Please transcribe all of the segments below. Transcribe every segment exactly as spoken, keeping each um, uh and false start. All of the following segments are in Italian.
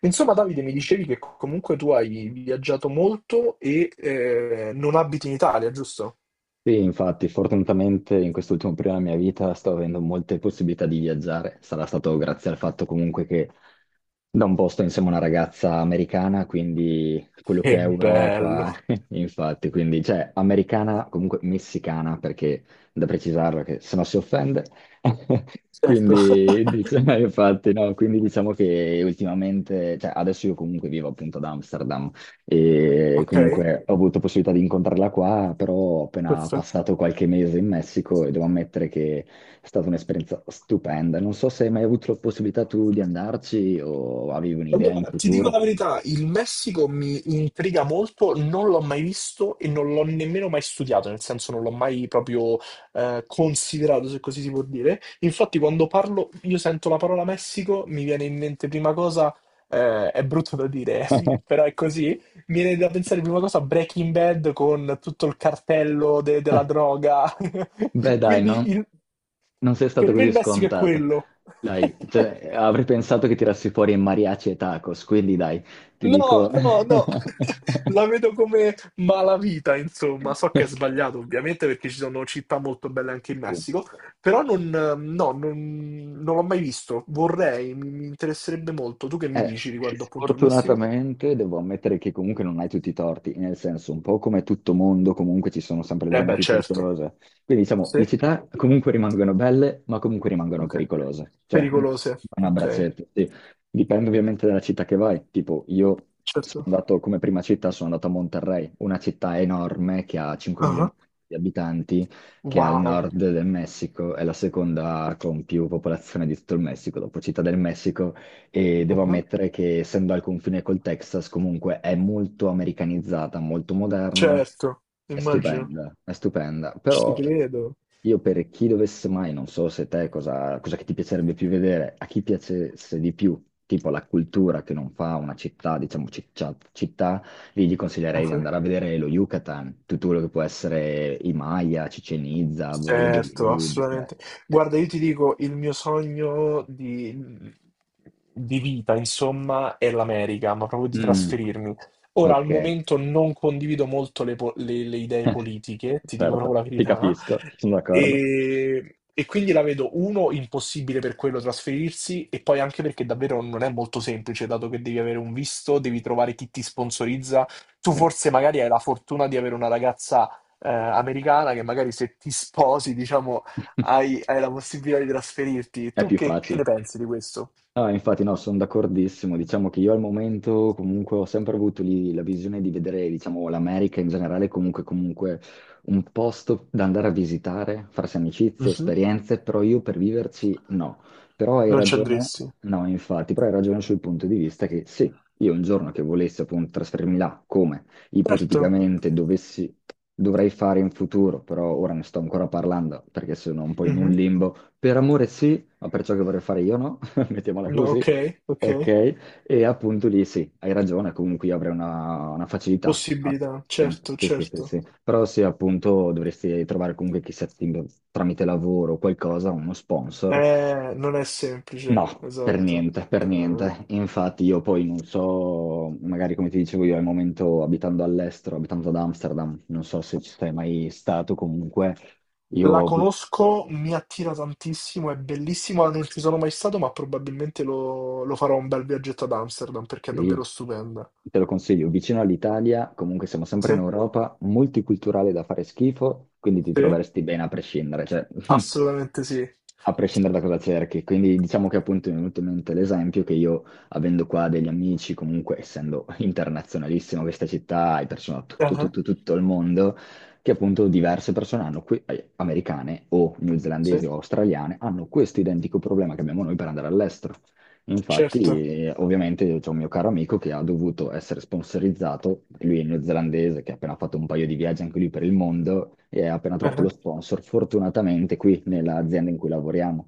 Insomma, Davide, mi dicevi che comunque tu hai viaggiato molto e eh, non abiti in Italia, giusto? Sì, infatti, fortunatamente in quest'ultimo periodo della mia vita sto avendo molte possibilità di viaggiare. Sarà stato grazie al fatto comunque che da un po' sto insieme a una ragazza americana, quindi quello che Che è Europa, bello, infatti, quindi cioè americana, comunque messicana, perché da precisarlo che se no si offende. certo. Quindi diciamo, infatti, no, quindi diciamo che ultimamente, cioè adesso io comunque vivo appunto ad Amsterdam e Ok, comunque ho avuto possibilità di incontrarla qua, però ho appena perfetto. passato qualche mese in Messico e devo ammettere che è stata un'esperienza stupenda. Non so se hai mai avuto la possibilità tu di andarci o avevi un'idea in Allora, ti dico la futuro. verità, il Messico mi intriga molto, non l'ho mai visto e non l'ho nemmeno mai studiato, nel senso non l'ho mai proprio eh, considerato, se così si può dire. Infatti, quando parlo, io sento la parola Messico, mi viene in mente prima cosa, eh, è brutto da dire, però è così, mi viene da pensare prima cosa a Breaking Bad con tutto il cartello de- della droga. Beh, dai, Quindi non, il- non sei per stato me così il Messico è scontato. quello. Dai, cioè, avrei pensato che tirassi fuori mariachi e tacos, quindi dai, ti No, dico. no, no, la vedo come malavita, insomma. So che è sbagliato, ovviamente, perché ci sono città molto belle anche in Sì. Messico, però non, no, non, non l'ho mai visto. Vorrei, mi, mi interesserebbe molto. Tu che mi Eh, dici riguardo appunto il Messico? sfortunatamente devo ammettere che comunque non hai tutti i torti, nel senso, un po' come tutto mondo, comunque ci sono sempre le Eh zone beh, più certo. pericolose. Quindi diciamo, Sì? le città comunque rimangono belle, ma comunque rimangono Ok. pericolose. Cioè, no, Pericolose, un ok. abbraccetto, sì. Dipende ovviamente dalla città che vai. Tipo, io sono Certo. andato come prima città, sono andato a Monterrey, una città enorme che ha 5 Ah, milioni ah. di abitanti, che è al Wow. nord del Messico, è la seconda con più popolazione di tutto il Messico, dopo Città del Messico e Ah, devo ah. ammettere che essendo al confine col Texas comunque è molto americanizzata, molto moderna, Certo, è immagino. stupenda, è stupenda. Però Ci credo. io per chi dovesse mai, non so se te cosa, cosa, che ti piacerebbe più vedere, a chi piacesse di più, tipo la cultura che non fa una città, diciamo ciccia- città, lì gli Ah, consiglierei di ah. andare a vedere lo Yucatan, tutto quello che può essere i Maya, Cicenizza, Certo, Valladolid. eh. assolutamente. Guarda, io ti dico, il mio sogno di, di vita, insomma, è l'America, ma proprio di Mm, trasferirmi. Ora, ok. al momento non condivido molto le, po- le- le idee politiche, ti dico proprio Certo, la ti verità, capisco, sono d'accordo. e, e quindi la vedo, uno, impossibile per quello trasferirsi, e poi anche perché davvero non è molto semplice, dato che devi avere un visto, devi trovare chi ti sponsorizza. Tu forse magari hai la fortuna di avere una ragazza eh, americana che magari se ti sposi, diciamo, hai, hai la possibilità di trasferirti. È Tu più che, che ne facile. pensi di questo? No, infatti no, sono d'accordissimo. Diciamo che io al momento comunque ho sempre avuto lì la visione di vedere, diciamo, l'America in generale comunque, comunque un posto da andare a visitare, farsi amicizie, Mhm. esperienze, però io per viverci no. Però hai Non ci ragione, andresti? no, infatti, però hai ragione sul punto di vista che sì, io un giorno che volessi appunto trasferirmi là, come Certo. ipoteticamente dovessi, dovrei fare in futuro, però ora ne sto ancora parlando perché sono un po' in un Mhm. limbo. Per amore sì, ma per ciò che vorrei fare io no. Mettiamola No, così, ok, ok. ok? E appunto lì sì, hai ragione, comunque io avrei una, una facilità. Ah, Possibilità, sì, certo, sì, sì, sì, certo. sì. Però sì, appunto dovresti trovare comunque chissà ti- tramite lavoro o qualcosa, uno sponsor. Eh, non è No, semplice, per esatto. niente, per niente. Infatti io poi non so, magari come ti dicevo io al momento abitando all'estero, abitando ad Amsterdam, non so se ci sei mai stato comunque, La io. conosco, mi attira tantissimo, è bellissima, non ci sono mai stato, ma probabilmente lo, lo farò un bel viaggetto ad Amsterdam perché è Sì, davvero stupenda. te lo consiglio, vicino all'Italia, comunque siamo sempre in Sì? Europa, multiculturale da fare schifo, quindi ti Sì? troveresti bene a prescindere, cioè Assolutamente sì. a prescindere da cosa cerchi. Quindi diciamo che appunto mi è venuto in mente l'esempio che io, avendo qua degli amici, comunque essendo internazionalissimo questa città, hai persone da tutto, Ah, tutto, tutto il mondo, che appunto diverse persone hanno, qui, eh, americane o sì? newzelandesi o australiane, hanno questo identico problema che abbiamo noi per andare all'estero. Certo. Infatti, eh, ovviamente, c'è un mio caro amico che ha dovuto essere sponsorizzato, lui è neozelandese, che ha appena fatto un paio di viaggi anche lui per il mondo e ha appena trovato lo Ah. sponsor, fortunatamente qui nell'azienda in cui lavoriamo,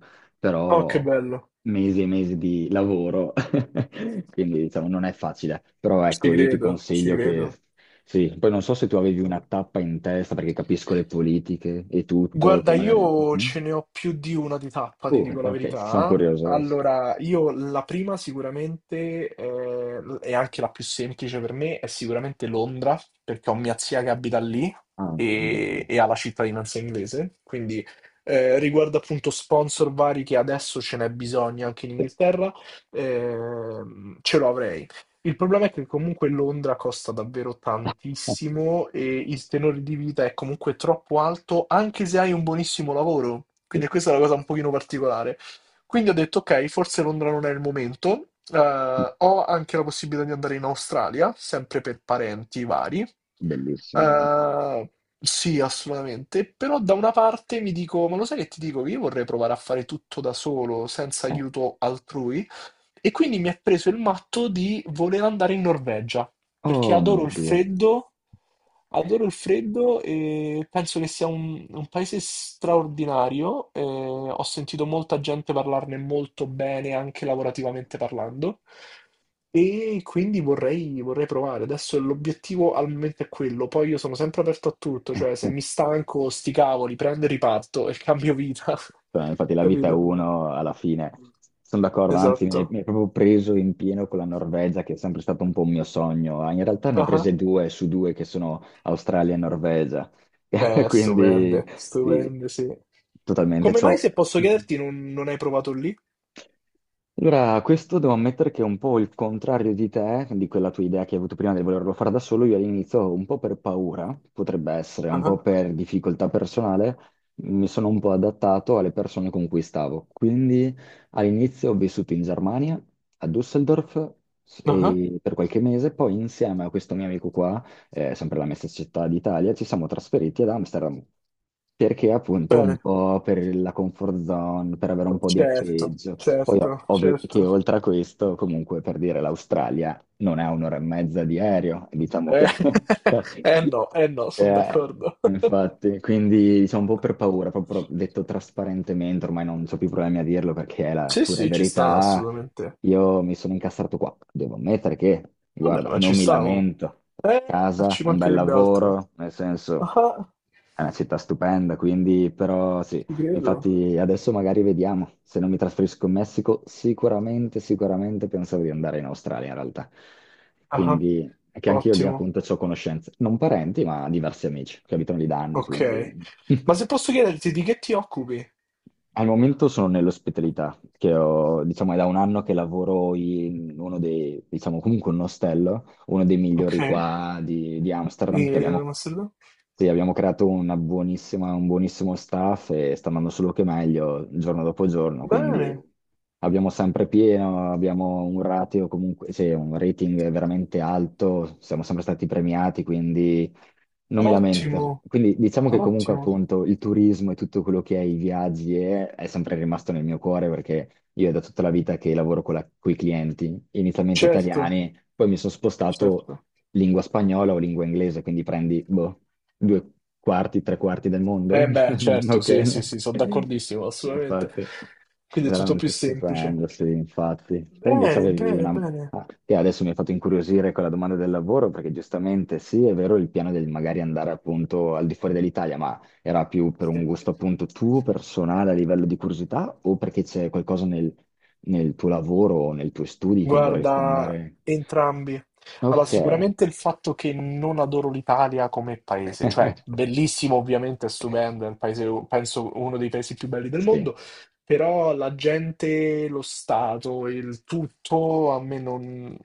Oh, che però bello. mesi e mesi di lavoro, quindi diciamo non è facile, però Ci ecco, io ti credo, ci consiglio che credo. sì, poi non so se tu avevi una tappa in testa perché capisco le politiche e tutto, che Guarda, magari. io Mm? ce ne ho più di una di tappa, ti Oh, dico la ok, sono verità. curioso adesso. Allora, io la prima sicuramente, eh, e anche la più semplice per me, è sicuramente Londra, perché ho mia zia che abita lì Ah, e, mm. e ha la cittadinanza inglese. Quindi, eh, riguardo appunto sponsor vari che adesso ce n'è bisogno anche in Sì. Inghilterra, ehm, ce lo avrei. Il problema è che comunque Londra costa davvero tantissimo e il tenore di vita è comunque troppo alto, anche se hai un buonissimo lavoro. Eh, Quindi questa è la cosa un pochino particolare. Quindi ho detto, ok, forse Londra non è il momento. sì, Eh, ho anche la possibilità di andare in Australia, sempre per parenti vari. bellissimo, veramente. Eh, sì, assolutamente. Però da una parte mi dico, ma lo sai che ti dico? Che io vorrei provare a fare tutto da solo, senza Eh, aiuto altrui. E quindi mi ha preso il matto di voler andare in Norvegia, perché Oh mio adoro il Dio. freddo, adoro il freddo e penso che sia un, un paese straordinario. Eh, ho sentito molta gente parlarne molto bene, anche lavorativamente parlando, e quindi vorrei, vorrei provare. Adesso l'obiettivo al momento è quello, poi io sono sempre aperto a tutto, cioè se mi stanco, sti cavoli, prendo e riparto e cambio vita. Cioè, infatti la vita è Capito? uno alla fine. Sono d'accordo, anzi mi hai mi Esatto. hai proprio preso in pieno con la Norvegia, che è sempre stato un po' un mio sogno. Eh, In realtà ne hai prese due su due che sono Australia e Norvegia. Eh, Quindi stupende, sì, stupende, sì. totalmente Come mai, ciò. se posso chiederti, non, non hai provato lì? Allora, questo devo ammettere che è un po' il contrario di te, di quella tua idea che hai avuto prima di volerlo fare da solo. Io all'inizio, un po' per paura, potrebbe essere, un Ah, po' per difficoltà personale, mi sono un po' adattato alle persone con cui stavo. Quindi all'inizio ho vissuto in Germania, a Düsseldorf, s- ah. e per qualche mese, poi insieme a questo mio amico qua, eh, sempre la mia stessa città d'Italia, ci siamo trasferiti ad Amsterdam. Perché appunto un Bene. po' per la comfort zone, per avere un po' di Certo, appeggio. Poi ov- certo, ovvio che certo. oltre a questo, comunque per dire l'Australia non è un'ora e mezza di aereo, diciamo che. Eh, eh no, eh no, sono Eh, d'accordo. infatti, quindi diciamo un po' per paura, proprio detto trasparentemente, ormai non ho più problemi a dirlo perché è la Sì, pura sì, ci sta verità, assolutamente. io mi sono incastrato qua, devo ammettere che, Vabbè, guarda, ma ci non mi stavo. lamento, Eh, casa, ci un bel mancherebbe altro. lavoro, nel senso. Ah, È una città stupenda, quindi però sì, ci credo. infatti adesso magari vediamo, se non mi trasferisco in Messico, sicuramente, sicuramente pensavo di andare in Australia in realtà. Ah, Quindi, che anche io lì ottimo, appunto ho conoscenze, non parenti, ma diversi amici che abitano lì da anni, ok. quindi Ma se posso chiederti di che ti occupi al momento sono nell'ospitalità, che ho, diciamo, è da un anno che lavoro in uno dei, diciamo, comunque un ostello, uno dei ok. migliori qua di, di, Amsterdam, che In abbiamo, Amsterdam? sì, abbiamo creato una buonissima, un buonissimo staff e sta andando solo che meglio giorno dopo giorno, quindi Bene. abbiamo sempre pieno, abbiamo un ratio comunque, cioè un rating veramente alto, siamo sempre stati premiati, quindi non mi Ottimo, lamento. Quindi diciamo che comunque ottimo, appunto il turismo e tutto quello che è i viaggi è, è sempre rimasto nel mio cuore perché io è da tutta la vita che lavoro con i clienti, inizialmente certo, italiani, poi mi sono spostato certo. lingua spagnola o lingua inglese, quindi prendi, boh, due quarti, tre quarti del mondo. Eh beh, certo, sì, sì, Ok. sì, sono d'accordissimo, assolutamente. Infatti, Quindi è tutto più veramente semplice. stupendo, sì, infatti. Te invece Bene, avevi bene, una. bene. Ah, che adesso mi hai fatto incuriosire con la domanda del lavoro, perché giustamente sì, è vero il piano del magari andare appunto al di fuori dell'Italia, ma era più per Sì. un gusto appunto tuo, personale, a livello di curiosità, o perché c'è qualcosa nel, nel tuo lavoro o nei tuoi studi che vorresti Guarda, andare. entrambi. Allora, Ok. sicuramente il fatto che non adoro l'Italia come paese, cioè bellissimo, ovviamente, è stupendo, è un paese, penso uno dei paesi più belli del Sì, mondo, però la gente, lo Stato, il tutto a me non,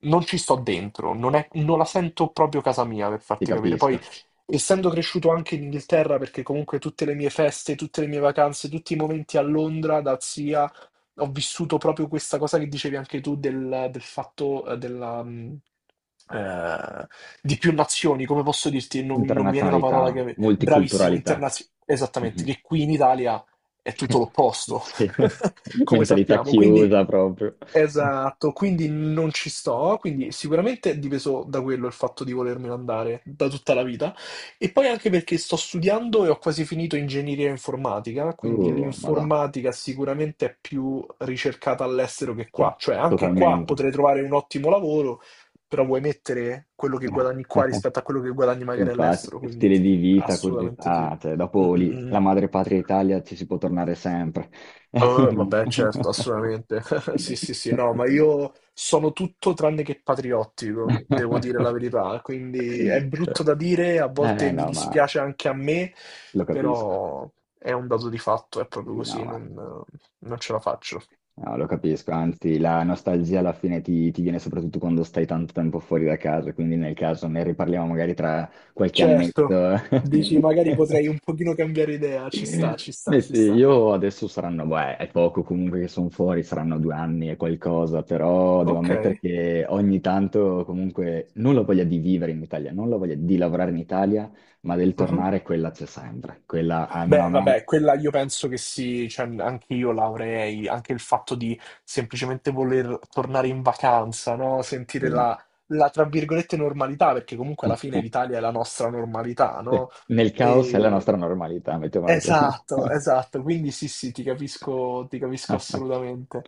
non ci sto dentro, non è- non la sento proprio casa mia, per ti farti capire. capisco. Poi, essendo cresciuto anche in Inghilterra, perché comunque tutte le mie feste, tutte le mie vacanze, tutti i momenti a Londra, da zia ho vissuto proprio questa cosa che dicevi anche tu del, del fatto eh, della, mh, eh, di più nazioni, come posso dirti? Non, non mi viene la Internazionalità, parola che... Bravissimo, multiculturalità. internazionale. Esattamente, Mhm. che qui in Italia è tutto l'opposto, Sì, come mentalità sappiamo. Quindi, chiusa proprio. esatto, quindi non ci sto. Quindi sicuramente è dipeso da quello il fatto di volermelo andare da tutta la vita. E poi anche perché sto studiando e ho quasi finito ingegneria informatica, quindi Uh, madò, l'informatica sicuramente è più ricercata all'estero che sì, qua, cioè anche qua totalmente. potrei trovare un ottimo lavoro, però vuoi mettere quello che guadagni qua rispetto a quello che guadagni magari Infatti, all'estero, quindi stile di vita, assolutamente sì. curiosità, cioè, Mm, dopo lì, mm, mm. la madre patria Italia ci si può tornare sempre. Eh, vabbè, certo, assolutamente. Sì, sì, sì, no, ma io sono tutto tranne che patriottico, devo dire la verità. Quindi è brutto da dire, a Eh volte mi no, ma dispiace anche a me, lo capisco. però è un dato di fatto, è proprio Sì, no, così, ma non, non ce la faccio. no, lo capisco, anzi la nostalgia alla fine ti, ti viene soprattutto quando stai tanto tempo fuori da casa, quindi nel caso ne riparliamo magari tra qualche annetto. Certo, dici magari potrei un pochino cambiare idea, ci sta, ci sta, Beh, ci sì, sta. io adesso saranno, beh, è poco comunque che sono fuori, saranno due anni e qualcosa, però devo Ok. ammettere che ogni tanto comunque non la voglia di vivere in Italia, non la voglia di lavorare in Italia, ma del tornare quella c'è sempre, quella almeno a Beh, me. vabbè, quella io penso che sì, cioè, anche io l'avrei, anche il fatto di semplicemente voler tornare in vacanza, no? Sentire Sì. la, la, tra virgolette, normalità, perché comunque alla fine l'Italia è la nostra normalità, Sì, no? nel caos è la E- nostra normalità, mettiamola così. Esatto, esatto, quindi sì, sì, ti capisco, ti capisco assolutamente.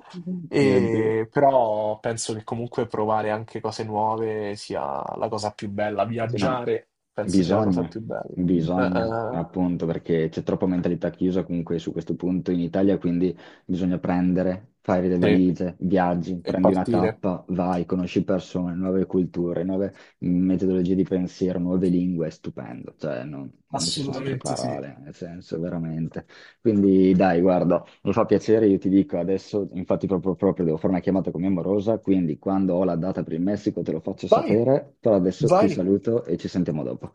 Mio Dio. E- Però penso che comunque provare anche cose nuove sia la cosa più bella, Sì, no, viaggiare penso sia la cosa bisogna, più bella. Eh, bisogna, eh, appunto, perché c'è troppa mentalità chiusa comunque su questo punto in Italia, quindi bisogna prendere, fare le sì. valigie, viaggi, E prendi una partire. tappa, vai, conosci persone, nuove culture, nuove metodologie di pensiero, nuove lingue, è stupendo, cioè non, non ci sono altre Assolutamente sì. parole, nel senso, veramente. Quindi dai, guarda. Mi fa piacere, io ti dico adesso, infatti proprio, proprio devo fare una chiamata con mia morosa, quindi quando ho la data per il Messico te lo faccio Vai, sapere, però adesso ti vai. saluto e ci sentiamo dopo.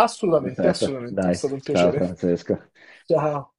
Assolutamente, Perfetto, assolutamente. È dai, stato un ciao piacere. Francesco. Ciao.